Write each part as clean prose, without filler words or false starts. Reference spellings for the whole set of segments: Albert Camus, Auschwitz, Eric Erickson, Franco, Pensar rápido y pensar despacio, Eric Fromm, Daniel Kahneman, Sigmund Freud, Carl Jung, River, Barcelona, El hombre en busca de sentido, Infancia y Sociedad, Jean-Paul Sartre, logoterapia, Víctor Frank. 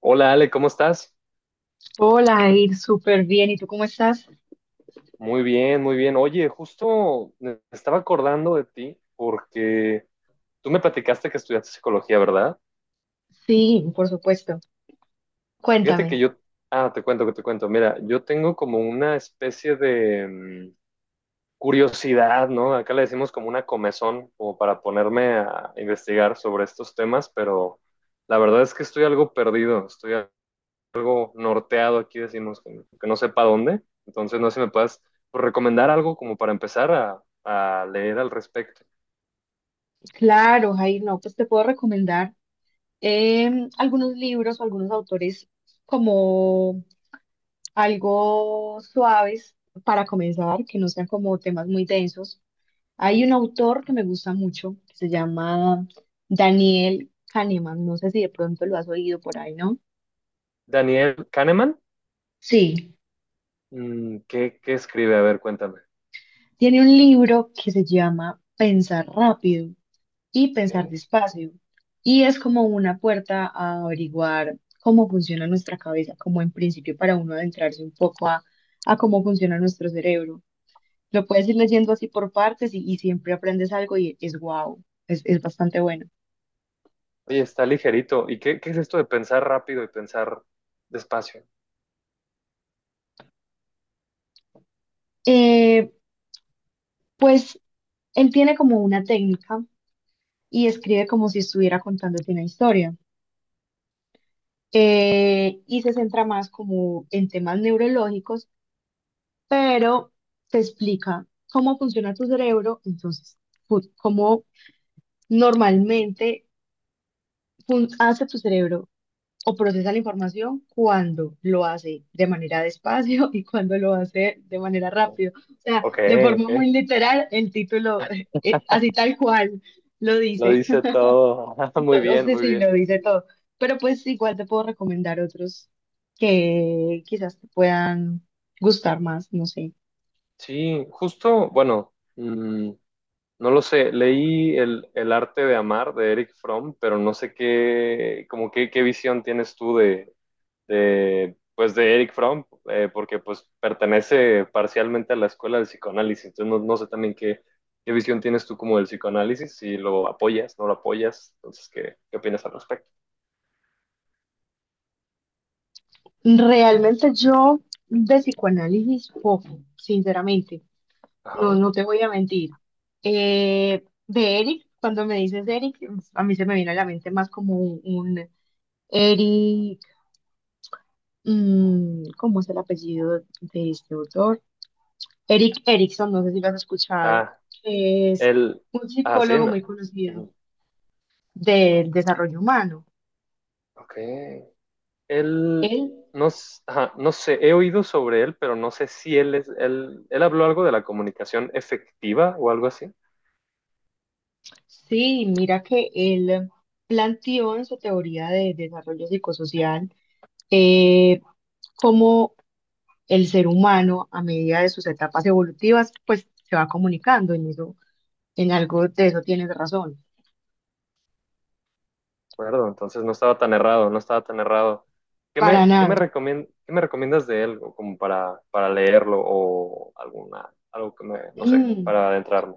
Hola Ale, ¿cómo estás? Hola, Jair, súper bien. ¿Y tú cómo estás? Muy bien, muy bien. Oye, justo me estaba acordando de ti porque tú me platicaste que estudiaste psicología, ¿verdad? Sí, por supuesto. Fíjate Cuéntame. que yo, te cuento. Mira, yo tengo como una especie de curiosidad, ¿no? Acá le decimos como una comezón, como para ponerme a investigar sobre estos temas, pero la verdad es que estoy algo perdido, estoy norteado aquí, decimos, que no sepa dónde. Entonces, no sé si me puedas pues, recomendar algo como para empezar a leer al respecto. Claro, Jair, no, pues te puedo recomendar algunos libros o algunos autores como algo suaves para comenzar, que no sean como temas muy densos. Hay un autor que me gusta mucho, que se llama Daniel Kahneman. No sé si de pronto lo has oído por ahí, ¿no? Daniel Kahneman, Sí, ¿qué escribe? A ver, cuéntame. tiene un libro que se llama Pensar rápido y pensar Ok. despacio. Y es como una puerta a averiguar cómo funciona nuestra cabeza, como en principio para uno adentrarse un poco a cómo funciona nuestro cerebro. Lo puedes ir leyendo así por partes y siempre aprendes algo y es wow, es bastante bueno. Oye, está ligerito. ¿Y qué es esto de pensar rápido y pensar despacio? Eh, pues él tiene como una técnica y escribe como si estuviera contándote una historia. Y se centra más como en temas neurológicos, pero te explica cómo funciona tu cerebro. Entonces, cómo normalmente hace tu cerebro o procesa la información cuando lo hace de manera despacio y cuando lo hace de manera rápido. O sea, Ok, de forma muy ok. literal, el título, así tal cual, lo Lo dice. dice todo. Muy O bien, sea, muy sí, bien. lo dice todo. Pero pues igual te puedo recomendar otros que quizás te puedan gustar más, no sé. Sí, justo, bueno, no lo sé, leí el arte de amar de Eric Fromm, pero no sé qué, como qué visión tienes tú de, pues de Eric Fromm, porque pues pertenece parcialmente a la escuela del psicoanálisis, entonces no, no sé también qué visión tienes tú como del psicoanálisis, si lo apoyas, no lo apoyas, entonces qué opinas al respecto. Realmente yo de psicoanálisis poco, sinceramente, no, Ajá. no te voy a mentir. De Eric, cuando me dices Eric, a mí se me viene a la mente más como un Eric, mm, ¿cómo es el apellido de este autor? Eric Erickson, no sé si lo has escuchado, Ah, que es el, un sí, psicólogo no. muy conocido Ujú. del desarrollo humano. Ok. Él, Él, no, ajá, no sé, he oído sobre él, pero no sé si él habló algo de la comunicación efectiva o algo así, ¿de sí, mira que él planteó en su teoría de desarrollo psicosocial, eh, cómo el ser humano a medida de sus etapas evolutivas, pues se va comunicando en eso, en algo de eso tienes razón. acuerdo? Entonces no estaba tan errado, no estaba tan errado. ¿Qué Para me, qué nada. me recomien- qué me recomiendas de él o como para leerlo o alguna, algo que me, no sé, Mm, para adentrarme?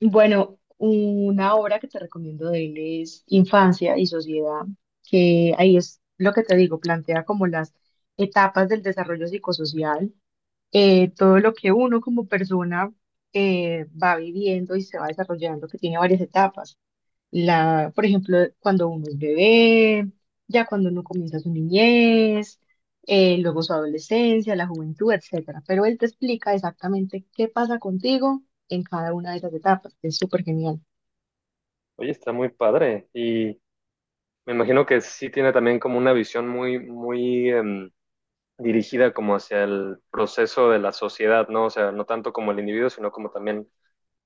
bueno, una obra que te recomiendo de él es Infancia y Sociedad, que ahí es lo que te digo, plantea como las etapas del desarrollo psicosocial, todo lo que uno como persona va viviendo y se va desarrollando, que tiene varias etapas. La, por ejemplo, cuando uno es bebé, ya cuando uno comienza su niñez, luego su adolescencia, la juventud, etcétera. Pero él te explica exactamente qué pasa contigo en cada una de esas etapas. Es súper genial. Oye, está muy padre y me imagino que sí tiene también como una visión muy, muy dirigida como hacia el proceso de la sociedad, ¿no? O sea, no tanto como el individuo, sino como también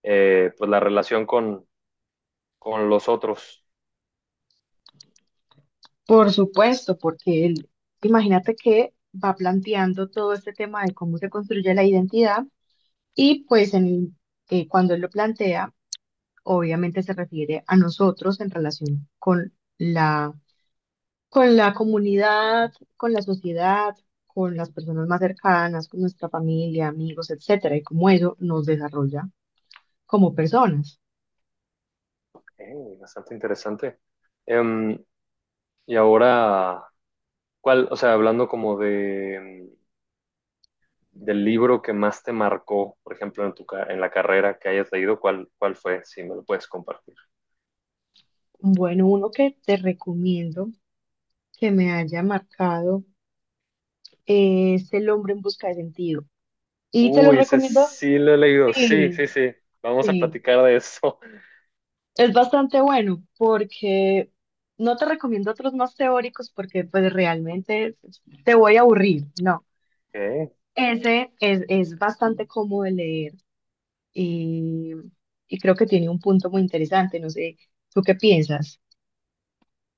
pues la relación con, los otros. Por supuesto, porque él, imagínate que va planteando todo este tema de cómo se construye la identidad y pues cuando él lo plantea, obviamente se refiere a nosotros en relación con la comunidad, con la sociedad, con las personas más cercanas, con nuestra familia, amigos, etcétera, y cómo eso nos desarrolla como personas. Eh, Bastante interesante. Em, y ahora, ¿cuál? O sea, hablando como del libro que más te marcó, por ejemplo, en en la carrera que hayas leído, ¿cuál fue? Si me lo puedes compartir. Bueno, uno que te recomiendo que me haya marcado es El hombre en busca de sentido. Y te lo Uy, ese recomiendo, sí lo he leído. Sí, sí, sí, sí. Vamos a sí, platicar de eso. es bastante bueno porque no te recomiendo otros más teóricos porque pues realmente te voy a aburrir, no. Ok. Es bastante cómodo de leer y, y creo que tiene un punto muy interesante. No sé, ¿tú qué piensas?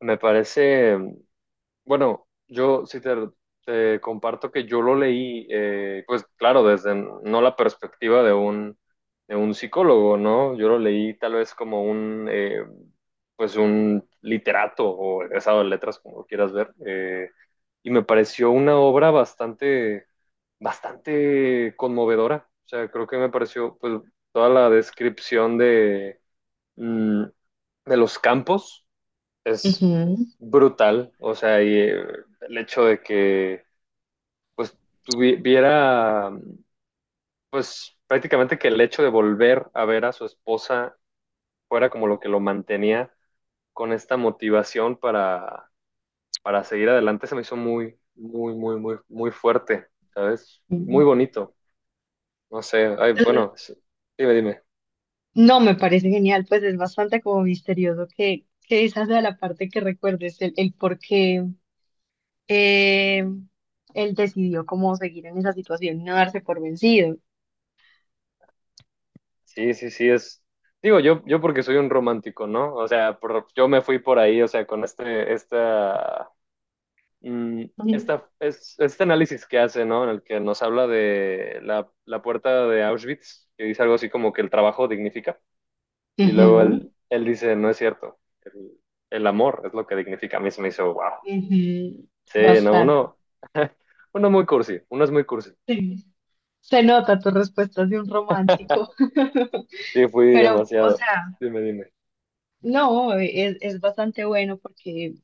Me parece Bueno, yo sí te comparto que yo lo leí, pues claro, desde no la perspectiva de un psicólogo, ¿no? Yo lo leí tal vez como un literato o egresado de letras, como lo quieras ver, y me pareció una obra bastante, bastante conmovedora. O sea, creo que me pareció, pues, toda la descripción mm, de los campos es Ujú. brutal, o sea, y el hecho de que pues tuviera, pues prácticamente que el hecho de volver a ver a su esposa fuera como lo que lo mantenía con esta motivación para seguir adelante, se me hizo muy, muy, muy, muy, muy fuerte, ¿sabes? Muy Mm. bonito, no sé, ay, bueno, sí, dime, dime, No, me parece genial, pues es bastante como misterioso que esa sea la parte que recuerdes, el por qué eh, él decidió cómo seguir en esa situación, no darse por vencido. sí, sí, sí, es... Digo, yo porque soy un romántico, ¿no? O sea, yo me fui por ahí, o sea, con este, esta Mm, Ujú, esta, es, este análisis que hace, ¿no? En el que nos habla de la puerta de Auschwitz, que dice algo así como que el trabajo dignifica, y luego ujú, él dice, no es cierto, el, el amor es lo que dignifica. A mí se me hizo, wow. ujú, Sí, no, bastante. uno, uno muy cursi, uno es muy cursi. Sí. Se nota tu respuesta de un romántico, Sí, fui pero, o demasiado. sea... Dime, dime. No, es bastante bueno porque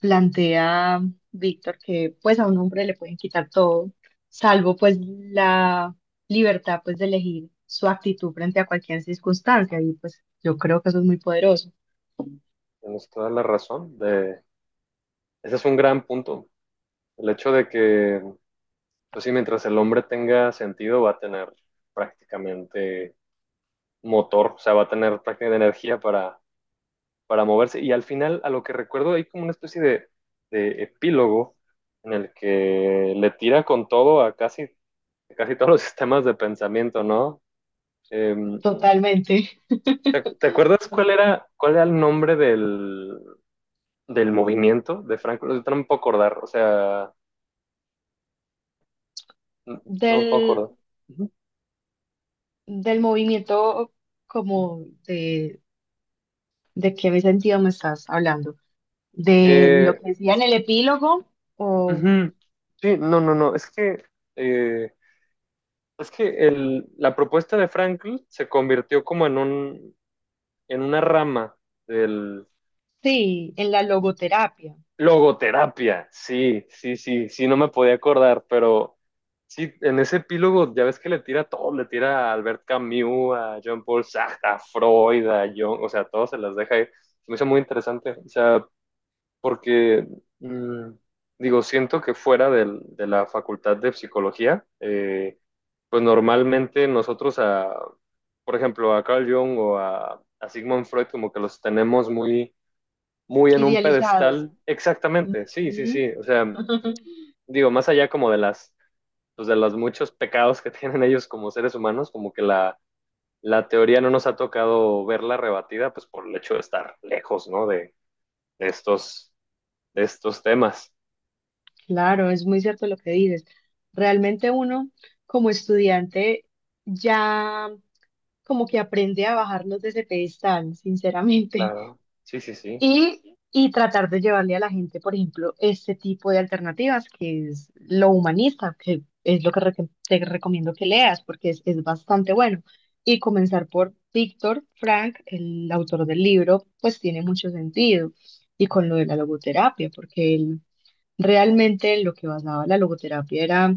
plantea Víctor que pues a un hombre le pueden quitar todo, salvo pues la libertad pues de elegir su actitud frente a cualquier circunstancia y pues yo creo que eso es muy poderoso. Tienes toda la razón. Ese es un gran punto. El hecho de que, pues sí, mientras el hombre tenga sentido, va a tener prácticamente motor, o sea, va a tener prácticamente energía para moverse. Y al final, a lo que recuerdo, hay como una especie de epílogo en el que le tira con todo a casi todos los sistemas de pensamiento, ¿no? Eh, Totalmente. ¿te, te acuerdas cuál era el nombre del movimiento de Franco? No me puedo acordar, o sea, no, no me puedo Del, acordar. Ujú. Del movimiento como de qué sentido me estás hablando, de lo Eh, que decía en el epílogo o ujú. Sí, no, no, no, es que... eh, Es que la propuesta de Frankl se convirtió como en una rama del sí, en la logoterapia, logoterapia. Sí, sí, sí, sí, no me podía acordar, pero sí, en ese epílogo ya ves que le tira a todo, le tira a Albert Camus, a Jean-Paul Sartre, a Freud, a Jung, o sea, todos se las deja ir. Se me hizo muy interesante, o sea, porque mm, digo, siento que fuera de la facultad de psicología, pues normalmente nosotros a, por ejemplo, a Carl Jung o a Sigmund Freud como que los tenemos muy, muy en un idealizados. pedestal. Exactamente, sí, sí, Ujú. sí. O sea, digo, más allá como pues de los muchos pecados que tienen ellos como seres humanos, como que la teoría no nos ha tocado verla rebatida, pues por el hecho de estar lejos, ¿no? De estos, de estos temas. Claro, es muy cierto lo que dices. Realmente uno como estudiante ya como que aprende a bajarnos de ese pedestal, sinceramente, Claro, sí, sí, sí. Y tratar de llevarle a la gente, por ejemplo, este tipo de alternativas, que es lo humanista, que es lo que te recomiendo que leas, porque es bastante bueno. Y comenzar por Víctor Frank, el autor del libro, pues tiene mucho sentido. Y con lo de la logoterapia, porque él realmente lo que basaba la logoterapia era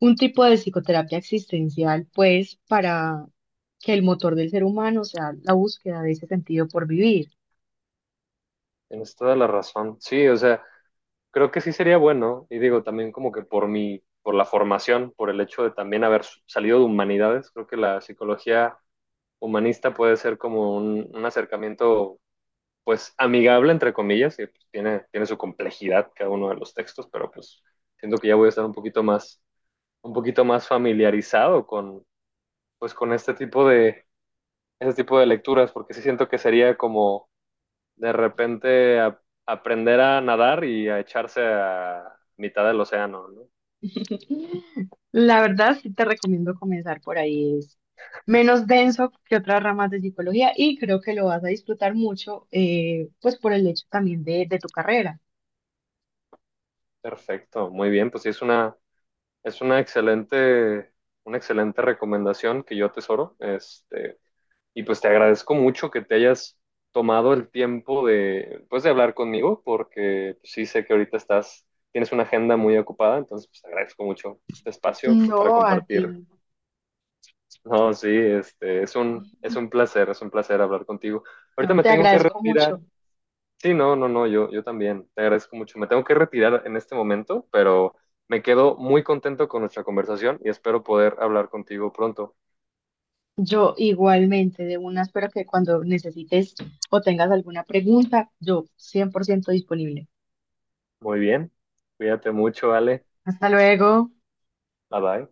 un tipo de psicoterapia existencial, pues, para que el motor del ser humano sea la búsqueda de ese sentido por vivir. Tienes toda la razón. Sí, o sea. Creo que sí sería bueno, y digo también como que por la formación, por el hecho de también haber salido de humanidades, creo que la psicología humanista puede ser como un acercamiento pues amigable entre comillas, y pues, tiene su complejidad cada uno de los textos, pero pues siento que ya voy a estar un poquito más familiarizado con este tipo de lecturas, porque sí siento que sería como de repente aprender a nadar y a echarse a mitad del océano, ¿no? La verdad, sí te recomiendo comenzar por ahí. Es menos denso que otras ramas de psicología y creo que lo vas a disfrutar mucho, pues, por el hecho también de tu carrera. Perfecto, muy bien, pues sí, es una excelente recomendación que yo atesoro. Y pues te agradezco mucho que te hayas tomado el tiempo de, pues, de hablar conmigo, porque pues, sí sé que ahorita tienes una agenda muy ocupada, entonces pues, te agradezco mucho este espacio No, para a ti. compartir. No, sí, es un placer hablar contigo. Ahorita No, me te tengo que agradezco mucho. retirar. Sí, no, no, no, yo también. Te agradezco mucho. Me tengo que retirar en este momento, pero me quedo muy contento con nuestra conversación y espero poder hablar contigo pronto. Yo igualmente, de una, espero que cuando necesites o tengas alguna pregunta, yo 100% disponible. Muy bien. Cuídate mucho, Ale. Hasta luego. Bye bye.